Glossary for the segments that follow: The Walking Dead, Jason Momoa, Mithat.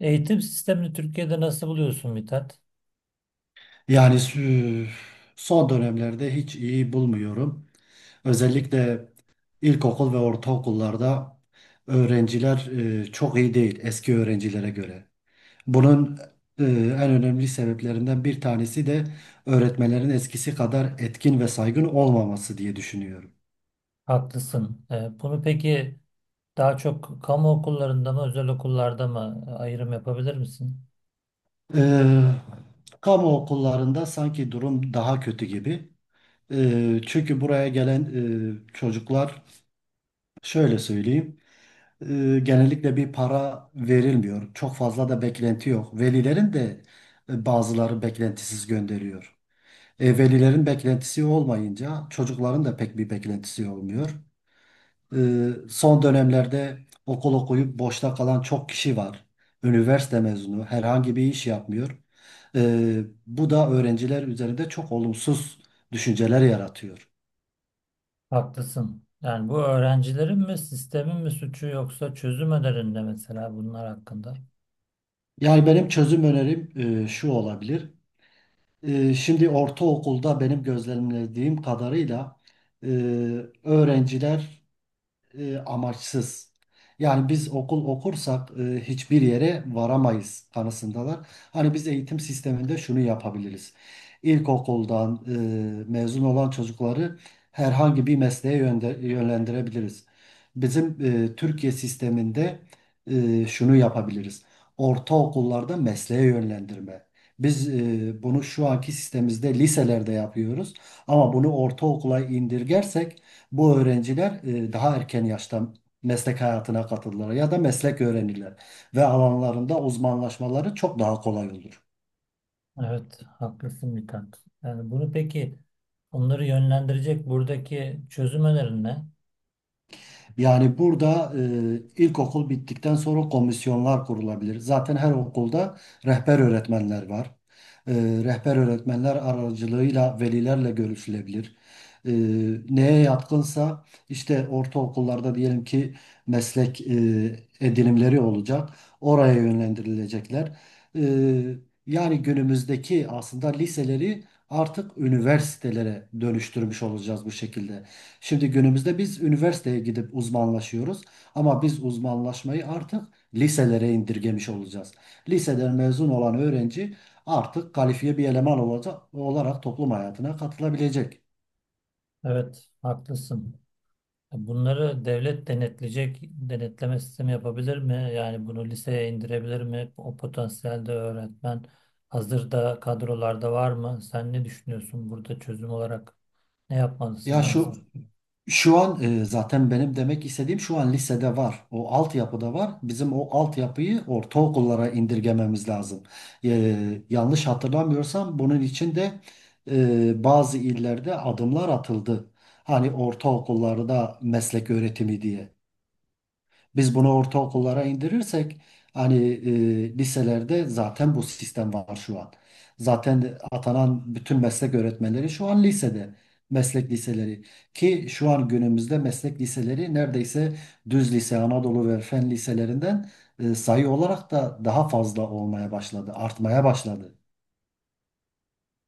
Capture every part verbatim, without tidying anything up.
Eğitim sistemini Türkiye'de nasıl buluyorsun Mithat? Yani sü- Son dönemlerde hiç iyi bulmuyorum. Özellikle ilkokul ve ortaokullarda öğrenciler e, çok iyi değil eski öğrencilere göre. Bunun e, en önemli sebeplerinden bir tanesi de öğretmenlerin eskisi kadar etkin ve saygın olmaması diye düşünüyorum. Haklısın. Ee, bunu peki daha çok kamu okullarında mı, özel okullarda mı e, ayrım yapabilir misin? E, Kamu okullarında sanki durum daha kötü gibi. E, çünkü buraya gelen e, çocuklar, şöyle söyleyeyim. E, genellikle bir para verilmiyor. Çok fazla da beklenti yok. Velilerin de e, bazıları beklentisiz gönderiyor. E, velilerin beklentisi olmayınca çocukların da pek bir beklentisi olmuyor. E, Son dönemlerde okul okuyup boşta kalan çok kişi var. Üniversite mezunu herhangi bir iş yapmıyor. E, Bu da öğrenciler üzerinde çok olumsuz düşünceler yaratıyor. Haklısın. Yani bu öğrencilerin mi, sistemin mi suçu yoksa çözüm önerinde mesela bunlar hakkında? Yani benim çözüm önerim e, şu olabilir. Ee, Şimdi ortaokulda benim gözlemlediğim kadarıyla e, öğrenciler e, amaçsız. Yani biz okul okursak e, hiçbir yere varamayız kanısındalar. Hani biz eğitim sisteminde şunu yapabiliriz. İlkokuldan e, mezun olan çocukları herhangi bir mesleğe yönde- yönlendirebiliriz. Bizim e, Türkiye sisteminde e, şunu yapabiliriz. Ortaokullarda mesleğe yönlendirme. Biz e, bunu şu anki sistemimizde liselerde yapıyoruz. Ama bunu ortaokula indirgersek bu öğrenciler e, daha erken yaşta meslek hayatına katılırlar ya da meslek öğrenirler ve alanlarında uzmanlaşmaları çok daha kolay olur. Evet, haklısın Mithat. Yani bunu peki onları yönlendirecek buradaki çözüm önerin ne? Yani burada e, ilkokul bittikten sonra komisyonlar kurulabilir. Zaten her okulda rehber öğretmenler var. E, Rehber öğretmenler aracılığıyla velilerle görüşülebilir. e, Neye yatkınsa işte ortaokullarda diyelim ki meslek e, edinimleri olacak. Oraya yönlendirilecekler. E, Yani günümüzdeki aslında liseleri artık üniversitelere dönüştürmüş olacağız bu şekilde. Şimdi günümüzde biz üniversiteye gidip uzmanlaşıyoruz ama biz uzmanlaşmayı artık liselere indirgemiş olacağız. Liseden mezun olan öğrenci artık kalifiye bir eleman olacak, olarak toplum hayatına katılabilecek. Evet, haklısın. Bunları devlet denetleyecek, denetleme sistemi yapabilir mi? Yani bunu liseye indirebilir mi? O potansiyelde öğretmen hazırda kadrolarda var mı? Sen ne düşünüyorsun burada çözüm olarak ne yapması Ya şu lazım? şu an e, zaten benim demek istediğim şu an lisede var. O altyapıda var. Bizim o altyapıyı ortaokullara indirgememiz lazım. E, yanlış hatırlamıyorsam bunun için de e, bazı illerde adımlar atıldı. Hani ortaokullarda meslek öğretimi diye. Biz bunu ortaokullara indirirsek hani e, liselerde zaten bu sistem var şu an. Zaten atanan bütün meslek öğretmenleri şu an lisede. Meslek liseleri ki şu an günümüzde meslek liseleri neredeyse düz lise, Anadolu ve fen liselerinden e, sayı olarak da daha fazla olmaya başladı, artmaya başladı.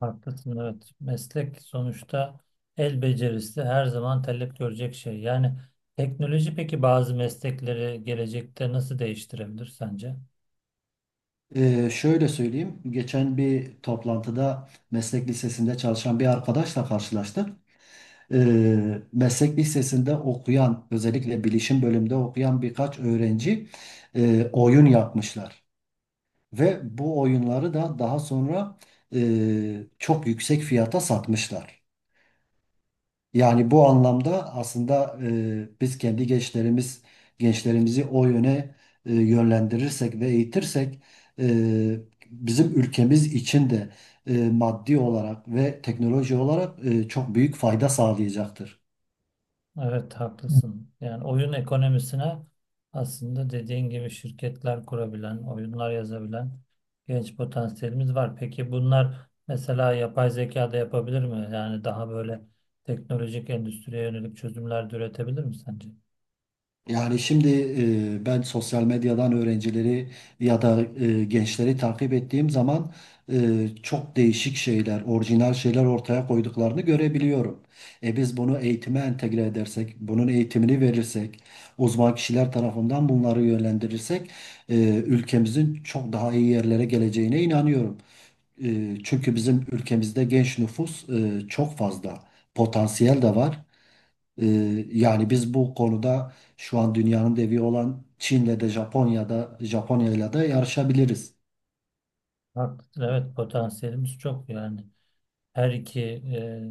Haklısın, evet. Meslek sonuçta el becerisi her zaman talep görecek şey. Yani teknoloji peki bazı meslekleri gelecekte nasıl değiştirebilir sence? E, şöyle söyleyeyim, geçen bir toplantıda meslek lisesinde çalışan bir arkadaşla karşılaştık. e, Meslek lisesinde okuyan, özellikle bilişim bölümünde okuyan birkaç öğrenci e, oyun yapmışlar. Ve bu oyunları da daha sonra e, çok yüksek fiyata satmışlar. Yani bu anlamda aslında e, biz kendi gençlerimiz gençlerimizi o yöne e, yönlendirirsek ve eğitirsek e, bizim ülkemiz için de e, maddi olarak ve teknoloji olarak e, çok büyük fayda sağlayacaktır. Evet, haklısın. Yani oyun ekonomisine aslında dediğin gibi şirketler kurabilen, oyunlar yazabilen genç potansiyelimiz var. Peki bunlar mesela yapay zeka da yapabilir mi? Yani daha böyle teknolojik endüstriye yönelik çözümler de üretebilir mi sence? Yani şimdi e, ben sosyal medyadan öğrencileri ya da e, gençleri takip ettiğim zaman e, çok değişik şeyler, orijinal şeyler ortaya koyduklarını görebiliyorum. E biz bunu eğitime entegre edersek, bunun eğitimini verirsek, uzman kişiler tarafından bunları yönlendirirsek e, ülkemizin çok daha iyi yerlere geleceğine inanıyorum. E, çünkü bizim ülkemizde genç nüfus e, çok fazla, potansiyel de var. Ee, Yani biz bu konuda şu an dünyanın devi olan Çin'le de Japonya'da Japonya'yla da yarışabiliriz. Haklısın. Evet, potansiyelimiz çok yani. Her iki e,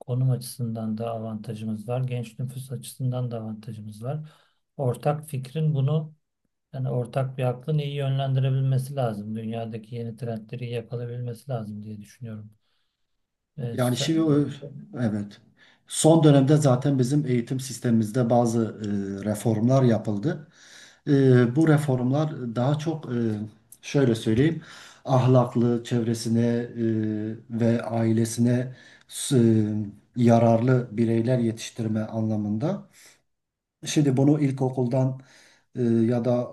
konum açısından da avantajımız var. Genç nüfus açısından da avantajımız var. Ortak fikrin bunu, yani ortak bir aklın iyi yönlendirebilmesi lazım. Dünyadaki yeni trendleri iyi yakalayabilmesi lazım diye düşünüyorum. Ee, Yani şimdi Sen, ö- evet. Son dönemde zaten bizim eğitim sistemimizde bazı e, reformlar yapıldı. E, bu reformlar daha çok e, şöyle söyleyeyim, ahlaklı çevresine e, ve ailesine s- e, yararlı bireyler yetiştirme anlamında. Şimdi bunu ilkokuldan e, ya da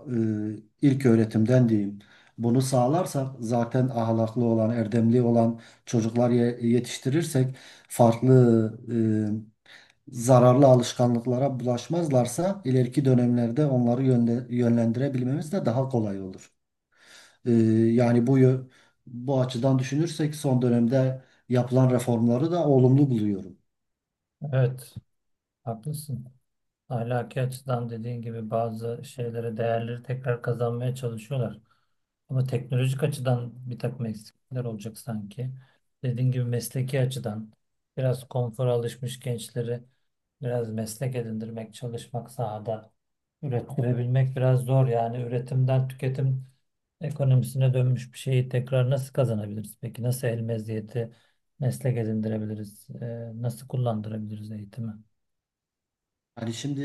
e, ilk öğretimden diyeyim. Bunu sağlarsak zaten ahlaklı olan, erdemli olan çocuklar ye- yetiştirirsek farklı e, zararlı alışkanlıklara bulaşmazlarsa ileriki dönemlerde onları yönde- yönlendirebilmemiz de daha kolay olur. E, Yani bu yö- bu açıdan düşünürsek son dönemde yapılan reformları da olumlu buluyorum. evet, haklısın. Ahlaki açıdan dediğin gibi bazı şeylere, değerleri tekrar kazanmaya çalışıyorlar. Ama teknolojik açıdan bir takım eksiklikler olacak sanki. Dediğin gibi mesleki açıdan biraz konfora alışmış gençleri biraz meslek edindirmek, çalışmak sahada. Ürettirebilmek biraz zor, yani üretimden tüketim ekonomisine dönmüş bir şeyi tekrar nasıl kazanabiliriz? Peki nasıl el meziyeti meslek edindirebiliriz? Ee, nasıl kullandırabiliriz eğitimi? Hani şimdi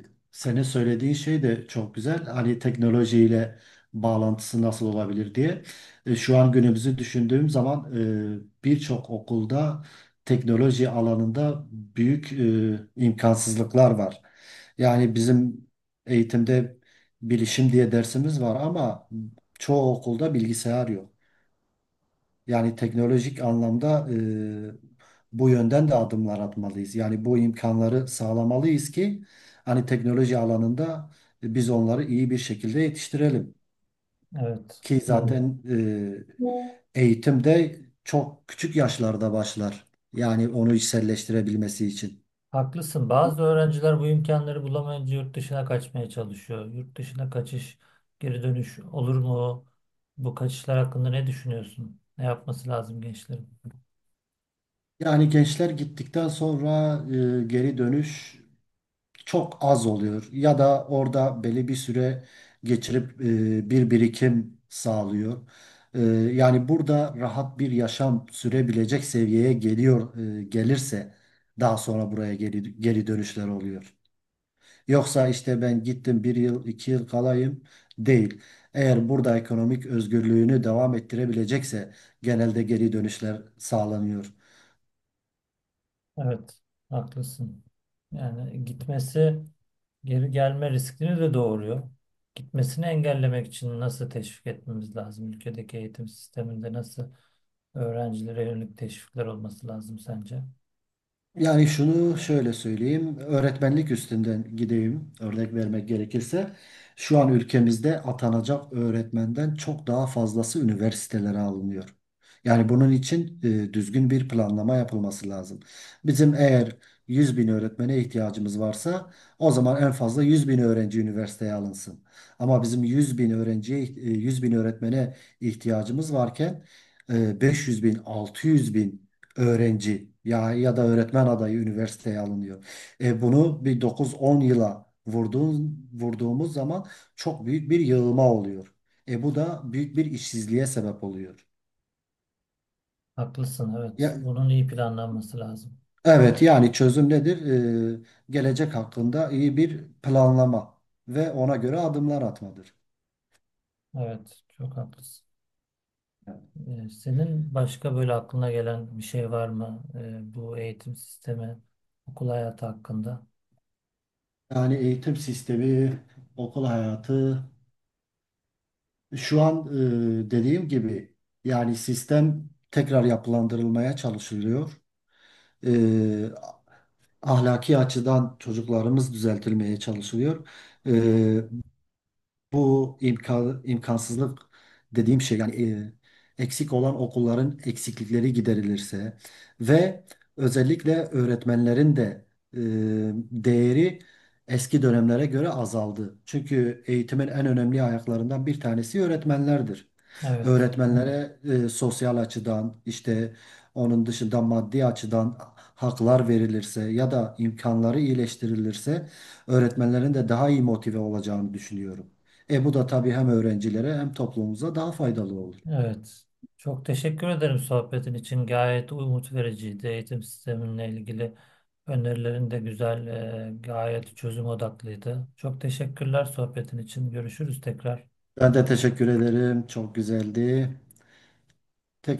e, senin söylediğin şey de çok güzel. Hani teknolojiyle bağlantısı nasıl olabilir diye. E, Şu an günümüzü düşündüğüm zaman e, birçok okulda teknoloji alanında büyük e, imkansızlıklar var. Yani bizim eğitimde bilişim diye dersimiz var ama çoğu okulda bilgisayar yok. Yani teknolojik anlamda e, bu yönden de adımlar atmalıyız. Yani bu imkanları sağlamalıyız ki hani teknoloji alanında biz onları iyi bir şekilde yetiştirelim. Evet. Ki evet, zaten e, eğitim de çok küçük yaşlarda başlar. Yani onu içselleştirebilmesi için. Haklısın. Bazı öğrenciler bu imkanları bulamayınca yurt dışına kaçmaya çalışıyor. Yurt dışına kaçış, geri dönüş olur mu? Bu kaçışlar hakkında ne düşünüyorsun? Ne yapması lazım gençlerin? Yani gençler gittikten sonra e, geri dönüş çok az oluyor ya da orada belli bir süre geçirip e, bir birikim sağlıyor. E, Yani burada rahat bir yaşam sürebilecek seviyeye geliyor e, gelirse daha sonra buraya geri, geri dönüşler oluyor. Yoksa işte ben gittim bir yıl iki yıl kalayım değil. Eğer burada ekonomik özgürlüğünü devam ettirebilecekse genelde geri dönüşler sağlanıyor. Evet, haklısın. Yani gitmesi geri gelme riskini de doğuruyor. Gitmesini engellemek için nasıl teşvik etmemiz lazım? Ülkedeki eğitim sisteminde nasıl öğrencilere yönelik teşvikler olması lazım sence? Yani şunu şöyle söyleyeyim, öğretmenlik üstünden gideyim örnek vermek gerekirse. Şu an ülkemizde atanacak öğretmenden çok daha fazlası üniversitelere alınıyor. Yani bunun için e, düzgün bir planlama yapılması lazım. Bizim eğer yüz bin öğretmene ihtiyacımız varsa o zaman en fazla yüz bin öğrenci üniversiteye alınsın. Ama bizim yüz bin öğrenciye, e, yüz bin öğretmene ihtiyacımız varken e, beş yüz bin, altı yüz bin öğrenci ya ya da öğretmen adayı üniversiteye alınıyor. E, bunu bir dokuz on yıla vurduğun, vurduğumuz zaman çok büyük bir yığılma oluyor. E, bu da büyük bir işsizliğe sebep oluyor. Haklısın, evet. Ya, Bunun iyi planlanması lazım. evet, yani çözüm nedir? E, Gelecek hakkında iyi bir planlama ve ona göre adımlar atmadır. Evet, çok haklısın. Ee, senin başka böyle aklına gelen bir şey var mı? Ee, bu eğitim sistemi, okul hayatı hakkında? Yani eğitim sistemi, okul hayatı şu an e, dediğim gibi yani sistem tekrar yapılandırılmaya çalışılıyor. e, Ahlaki açıdan çocuklarımız düzeltilmeye çalışılıyor. E, Bu imkan, imkansızlık dediğim şey yani e, eksik olan okulların eksiklikleri giderilirse ve özellikle öğretmenlerin de e, değeri eski dönemlere göre azaldı. Çünkü eğitimin en önemli ayaklarından bir tanesi öğretmenlerdir. Evet. Öğretmenlere e, sosyal açıdan işte onun dışında maddi açıdan haklar verilirse ya da imkanları iyileştirilirse öğretmenlerin de daha iyi motive olacağını düşünüyorum. E bu da tabii hem öğrencilere hem toplumumuza daha faydalı olur. Evet. Çok teşekkür ederim sohbetin için. Gayet umut vericiydi. Eğitim sisteminle ilgili önerilerin de güzel, e, gayet çözüm odaklıydı. Çok teşekkürler sohbetin için. Görüşürüz tekrar. Ben de teşekkür ederim. Çok güzeldi. Tekrar